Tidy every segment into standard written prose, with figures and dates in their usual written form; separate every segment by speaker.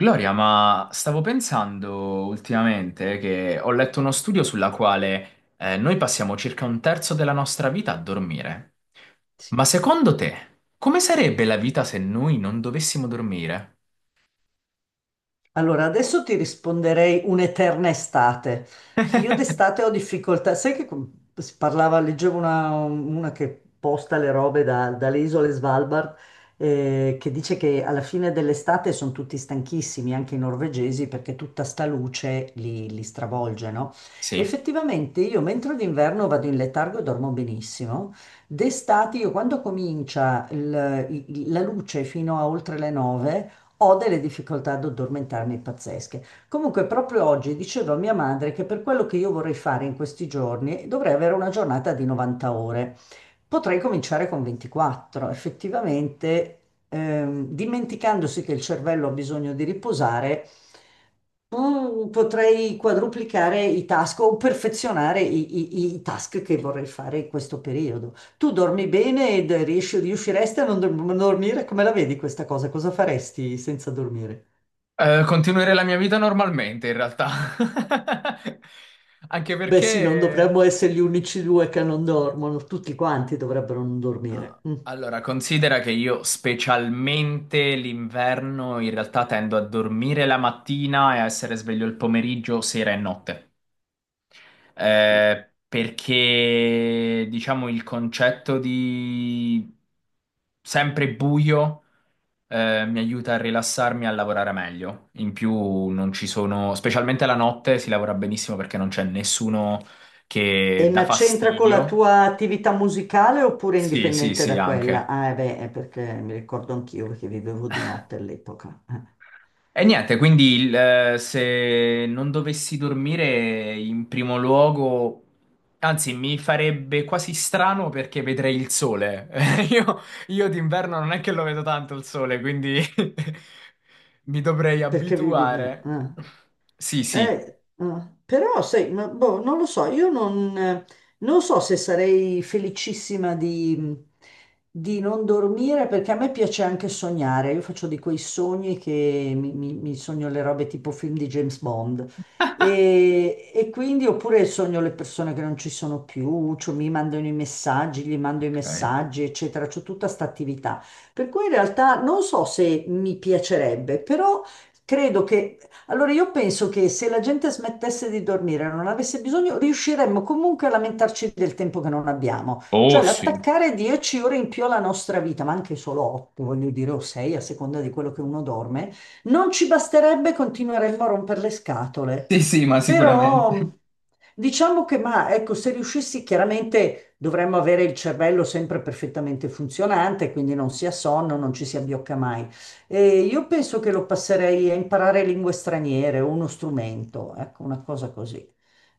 Speaker 1: Gloria, ma stavo pensando ultimamente che ho letto uno studio sulla quale noi passiamo circa un terzo della nostra vita a dormire.
Speaker 2: Sì.
Speaker 1: Ma secondo te, come sarebbe la vita se noi non dovessimo dormire?
Speaker 2: Allora, adesso ti risponderei un'eterna estate. Io d'estate ho difficoltà, sai che si parlava, leggevo una che posta le robe dalle isole Svalbard, che dice che alla fine dell'estate sono tutti stanchissimi, anche i norvegesi, perché tutta sta luce li stravolge, no?
Speaker 1: Sì.
Speaker 2: Effettivamente io mentre d'inverno vado in letargo e dormo benissimo, d'estate io quando comincia la luce fino a oltre le 9, ho delle difficoltà ad addormentarmi pazzesche. Comunque, proprio oggi dicevo a mia madre che per quello che io vorrei fare in questi giorni dovrei avere una giornata di 90 ore. Potrei cominciare con 24. Effettivamente, dimenticandosi che il cervello ha bisogno di riposare. Potrei quadruplicare i task o perfezionare i task che vorrei fare in questo periodo. Tu dormi bene ed riusciresti a non dormire? Come la vedi questa cosa? Cosa faresti senza dormire?
Speaker 1: Continuerei la mia vita normalmente, in realtà. Anche
Speaker 2: Beh, sì, non
Speaker 1: perché...
Speaker 2: dovremmo essere gli unici due che non dormono, tutti quanti dovrebbero non dormire.
Speaker 1: Ah,
Speaker 2: Mm.
Speaker 1: allora, considera che io specialmente l'inverno in realtà tendo a dormire la mattina e a essere sveglio il pomeriggio, sera e notte. Perché diciamo il concetto di sempre buio mi aiuta a rilassarmi e a lavorare meglio. In più non ci sono, specialmente la notte si lavora benissimo perché non c'è nessuno che
Speaker 2: E
Speaker 1: dà
Speaker 2: ma c'entra con la
Speaker 1: fastidio.
Speaker 2: tua attività musicale oppure
Speaker 1: Sì, sì,
Speaker 2: indipendente
Speaker 1: sì,
Speaker 2: da quella?
Speaker 1: anche.
Speaker 2: Ah, eh beh, è perché mi ricordo anch'io che vivevo di notte all'epoca.
Speaker 1: E niente, quindi se non dovessi dormire in primo luogo, anzi mi farebbe quasi strano perché vedrei il sole. Io, io d'inverno non è che lo vedo tanto il sole, quindi mi dovrei
Speaker 2: Perché vivi di
Speaker 1: abituare.
Speaker 2: notte?
Speaker 1: Sì, sì.
Speaker 2: Eh, però sai, ma, boh, non lo so, io non, non so se sarei felicissima di non dormire perché a me piace anche sognare, io faccio di quei sogni che mi sogno le robe tipo film di James Bond e quindi oppure sogno le persone che non ci sono più, cioè mi mandano i messaggi, gli mando i
Speaker 1: Ok.
Speaker 2: messaggi, eccetera, c'ho tutta sta attività. Per cui in realtà non so se mi piacerebbe, però credo che allora io penso che se la gente smettesse di dormire, non avesse bisogno, riusciremmo comunque a lamentarci del tempo che non abbiamo.
Speaker 1: Oh
Speaker 2: Cioè
Speaker 1: sì.
Speaker 2: l'attaccare 10 ore in più alla nostra vita, ma anche solo 8, voglio dire, o 6, a seconda di quello che uno dorme, non ci basterebbe, continueremmo a rompere le scatole.
Speaker 1: Sì, sì, ma sicuramente.
Speaker 2: Però diciamo che, ma ecco, se riuscissi, chiaramente dovremmo avere il cervello sempre perfettamente funzionante, quindi non sia sonno, non ci si abbiocca mai. E io penso che lo passerei a imparare lingue straniere o uno strumento, ecco, una cosa così.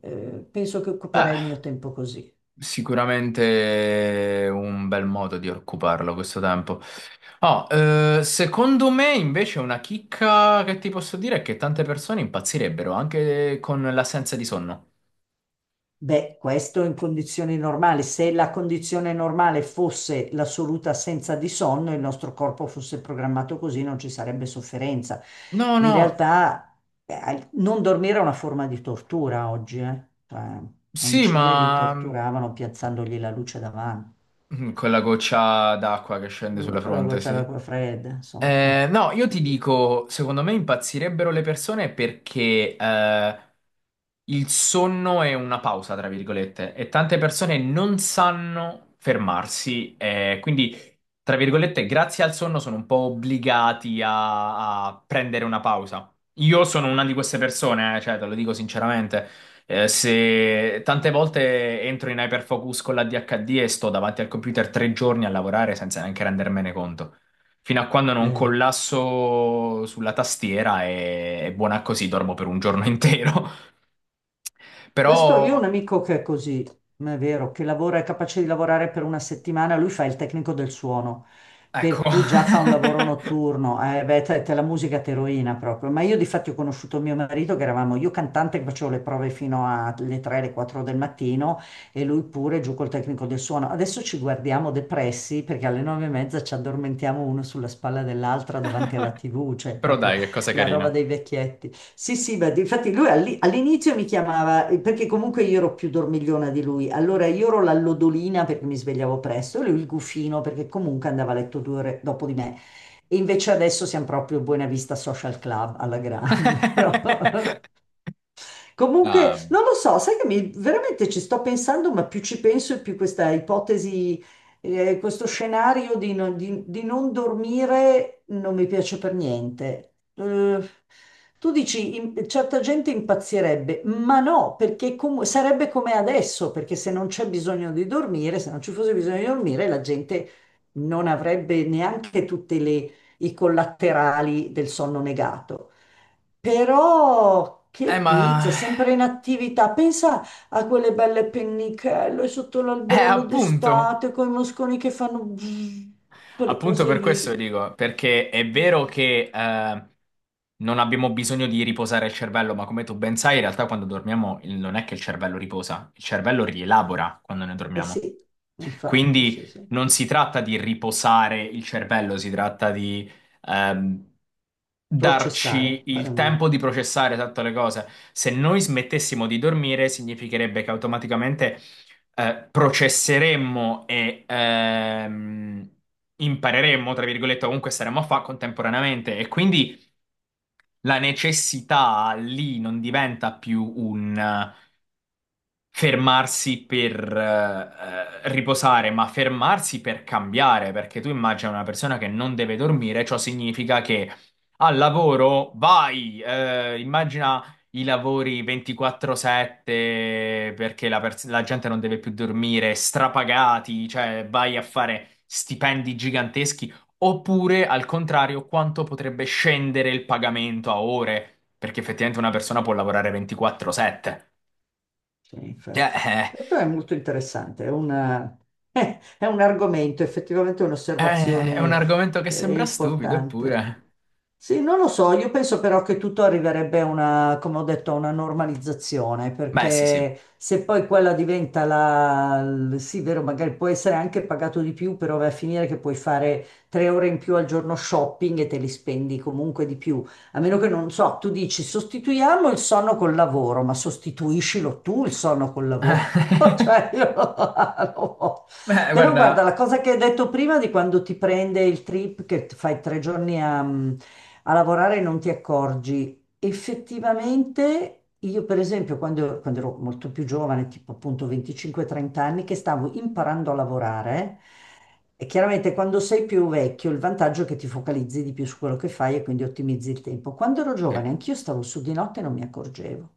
Speaker 2: Penso che occuperei il mio tempo così.
Speaker 1: Sicuramente un bel modo di occuparlo questo tempo. Oh, secondo me invece una chicca che ti posso dire è che tante persone impazzirebbero anche con l'assenza di sonno.
Speaker 2: Beh, questo in condizioni normali. Se la condizione normale fosse l'assoluta assenza di sonno, il nostro corpo fosse programmato così, non ci sarebbe sofferenza.
Speaker 1: No,
Speaker 2: In
Speaker 1: no,
Speaker 2: realtà, non dormire è una forma di tortura oggi, eh. Cioè, in
Speaker 1: sì,
Speaker 2: Cile li
Speaker 1: ma
Speaker 2: torturavano piazzandogli la luce davanti.
Speaker 1: con la goccia d'acqua che scende
Speaker 2: Mm,
Speaker 1: sulla
Speaker 2: con la
Speaker 1: fronte,
Speaker 2: goccia
Speaker 1: sì.
Speaker 2: d'acqua fredda, insomma.
Speaker 1: No, io ti dico, secondo me impazzirebbero le persone perché il sonno è una pausa, tra virgolette, e tante persone non sanno fermarsi, quindi, tra virgolette, grazie al sonno sono un po' obbligati a, prendere una pausa. Io sono una di queste persone, cioè, te lo dico sinceramente. Se tante volte entro in hyperfocus con l'ADHD e sto davanti al computer 3 giorni a lavorare senza neanche rendermene conto. Fino a quando non
Speaker 2: Eh.
Speaker 1: collasso sulla tastiera è buona così, dormo per un giorno intero.
Speaker 2: Questo io ho un
Speaker 1: Però,
Speaker 2: amico che è così, ma è vero, che lavora, è capace di lavorare per una settimana, lui fa il tecnico del suono,
Speaker 1: ecco.
Speaker 2: per cui già fa un lavoro notturno, beh, te la musica te rovina proprio. Ma io di fatto ho conosciuto mio marito che eravamo io cantante che facevo le prove fino alle 3, alle 4 del mattino e lui pure giù col tecnico del suono. Adesso ci guardiamo depressi perché alle 9 e mezza ci addormentiamo uno sulla spalla dell'altra davanti alla TV, cioè
Speaker 1: Però
Speaker 2: proprio
Speaker 1: dai, che cosa
Speaker 2: la roba
Speaker 1: carina.
Speaker 2: dei vecchietti. Sì, sì, ma infatti lui all'inizio mi chiamava, perché comunque io ero più dormigliona di lui, allora io ero la lodolina perché mi svegliavo presto, e lui il gufino perché comunque andava a letto 2 ore dopo di me. E invece adesso siamo proprio Buena Vista Social Club alla grande, no? Comunque,
Speaker 1: Ah,
Speaker 2: non lo so, sai che mi, veramente ci sto pensando, ma più ci penso e più questa ipotesi, questo scenario di, non di- di non dormire non mi piace per niente. Tu dici, certa gente impazzirebbe, ma no, perché sarebbe come adesso, perché se non c'è bisogno di dormire, se non ci fosse bisogno di dormire, la gente non avrebbe neanche tutte le i collaterali del sonno negato. Però che pizza,
Speaker 1: Ma...
Speaker 2: sempre in attività. Pensa a quelle belle pennichello sotto l'alberello
Speaker 1: Appunto.
Speaker 2: d'estate con i mosconi che fanno bzz, quelle
Speaker 1: Appunto
Speaker 2: cose
Speaker 1: per questo
Speaker 2: lì.
Speaker 1: dico, perché è vero che non abbiamo bisogno di riposare il cervello, ma come tu ben sai, in realtà quando dormiamo non è che il cervello riposa, il cervello rielabora quando ne
Speaker 2: Eh
Speaker 1: dormiamo.
Speaker 2: sì, infatti,
Speaker 1: Quindi
Speaker 2: sì, sì.
Speaker 1: non si tratta di riposare il cervello, si tratta di ehm, darci
Speaker 2: Processare, fare
Speaker 1: il
Speaker 2: una...
Speaker 1: tempo di processare tutte le cose. Se noi smettessimo di dormire, significherebbe che automaticamente processeremmo e impareremmo, tra virgolette, comunque staremmo a fare contemporaneamente. E quindi la necessità lì non diventa più un fermarsi per riposare, ma fermarsi per cambiare, perché tu immagina una persona che non deve dormire, ciò significa che al lavoro vai, immagina i lavori 24/7 perché la gente non deve più dormire, strapagati, cioè vai a fare stipendi giganteschi, oppure al contrario, quanto potrebbe scendere il pagamento a ore, perché effettivamente una persona può lavorare 24/7.
Speaker 2: Sì, infatti.
Speaker 1: Eh.
Speaker 2: Questo è molto interessante, è è un argomento, effettivamente
Speaker 1: È un
Speaker 2: un'osservazione
Speaker 1: argomento che sembra stupido,
Speaker 2: importante.
Speaker 1: eppure.
Speaker 2: Sì, non lo so, io penso però che tutto arriverebbe a una, come ho detto, a una normalizzazione,
Speaker 1: Beh, sì, sì.
Speaker 2: perché se poi quella diventa sì, vero, magari può essere anche pagato di più, però va a finire che puoi fare 3 ore in più al giorno shopping e te li spendi comunque di più. A meno che non so, tu dici sostituiamo il sonno col lavoro, ma sostituiscilo tu il sonno col lavoro.
Speaker 1: Beh,
Speaker 2: Cioè, io non lo so. Però guarda,
Speaker 1: guarda.
Speaker 2: la cosa che hai detto prima di quando ti prende il trip, che fai 3 giorni a, a lavorare e non ti accorgi, effettivamente io per esempio quando, quando ero molto più giovane, tipo appunto 25-30 anni, che stavo imparando a lavorare, e chiaramente quando sei più vecchio il vantaggio è che ti focalizzi di più su quello che fai e quindi ottimizzi il tempo. Quando ero giovane
Speaker 1: Sì.
Speaker 2: anch'io stavo su di notte e non mi accorgevo.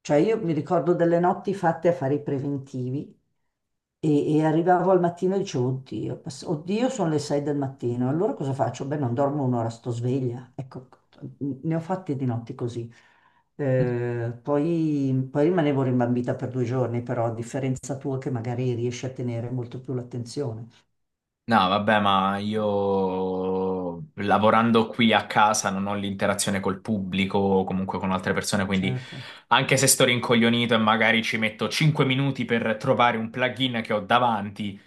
Speaker 2: Cioè io mi ricordo delle notti fatte a fare i preventivi e arrivavo al mattino e dicevo, oddio, oddio, sono le 6 del mattino, allora cosa faccio? Beh, non dormo un'ora, sto sveglia. Ecco, ne ho fatte di notti così. Poi rimanevo rimbambita per 2 giorni, però a differenza tua che magari riesci a tenere molto più l'attenzione.
Speaker 1: No, vabbè, ma io lavorando qui a casa non ho l'interazione col pubblico o comunque con altre persone, quindi
Speaker 2: Certo,
Speaker 1: anche se sto rincoglionito e magari ci metto 5 minuti per trovare un plugin che ho davanti,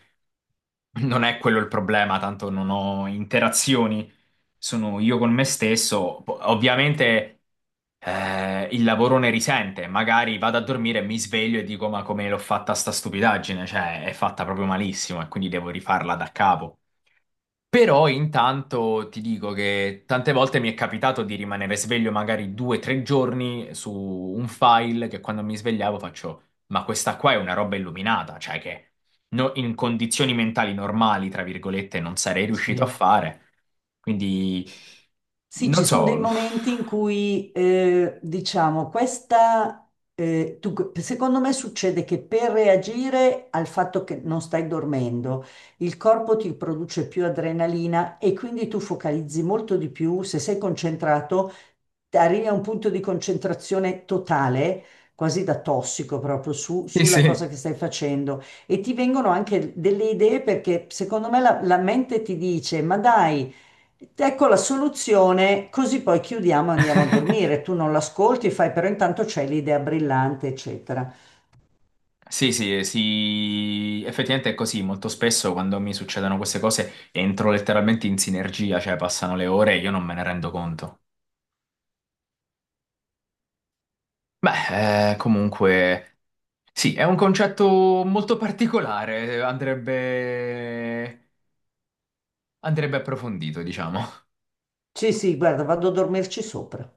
Speaker 1: non è quello il problema, tanto non ho interazioni, sono io con me stesso. Ovviamente il lavoro ne risente, magari vado a dormire e mi sveglio e dico: Ma come l'ho fatta sta stupidaggine? Cioè, è fatta proprio malissimo e quindi devo rifarla da capo. Però intanto ti dico che tante volte mi è capitato di rimanere sveglio magari 2 o 3 giorni su un file che quando mi svegliavo faccio, ma questa qua è una roba illuminata, cioè che in condizioni mentali normali, tra virgolette, non sarei riuscito a
Speaker 2: sì.
Speaker 1: fare. Quindi,
Speaker 2: Sì, ci
Speaker 1: non
Speaker 2: sono dei
Speaker 1: so.
Speaker 2: momenti in cui, diciamo, questa, secondo me succede che per reagire al fatto che non stai dormendo, il corpo ti produce più adrenalina e quindi tu focalizzi molto di più, se sei concentrato, arrivi a un punto di concentrazione totale, quasi da tossico proprio
Speaker 1: Sì,
Speaker 2: sulla cosa
Speaker 1: sì.
Speaker 2: che stai facendo e ti vengono anche delle idee perché secondo me la mente ti dice, ma dai, ecco la soluzione, così poi chiudiamo e andiamo a dormire. Tu non l'ascolti, fai, però intanto c'è l'idea brillante, eccetera.
Speaker 1: Sì, sì, sì, effettivamente è così. Molto spesso quando mi succedono queste cose entro letteralmente in sinergia, cioè passano le ore e io non me ne rendo conto. Beh, comunque, sì, è un concetto molto particolare, andrebbe approfondito, diciamo.
Speaker 2: Sì, sì, guarda, vado a dormirci sopra.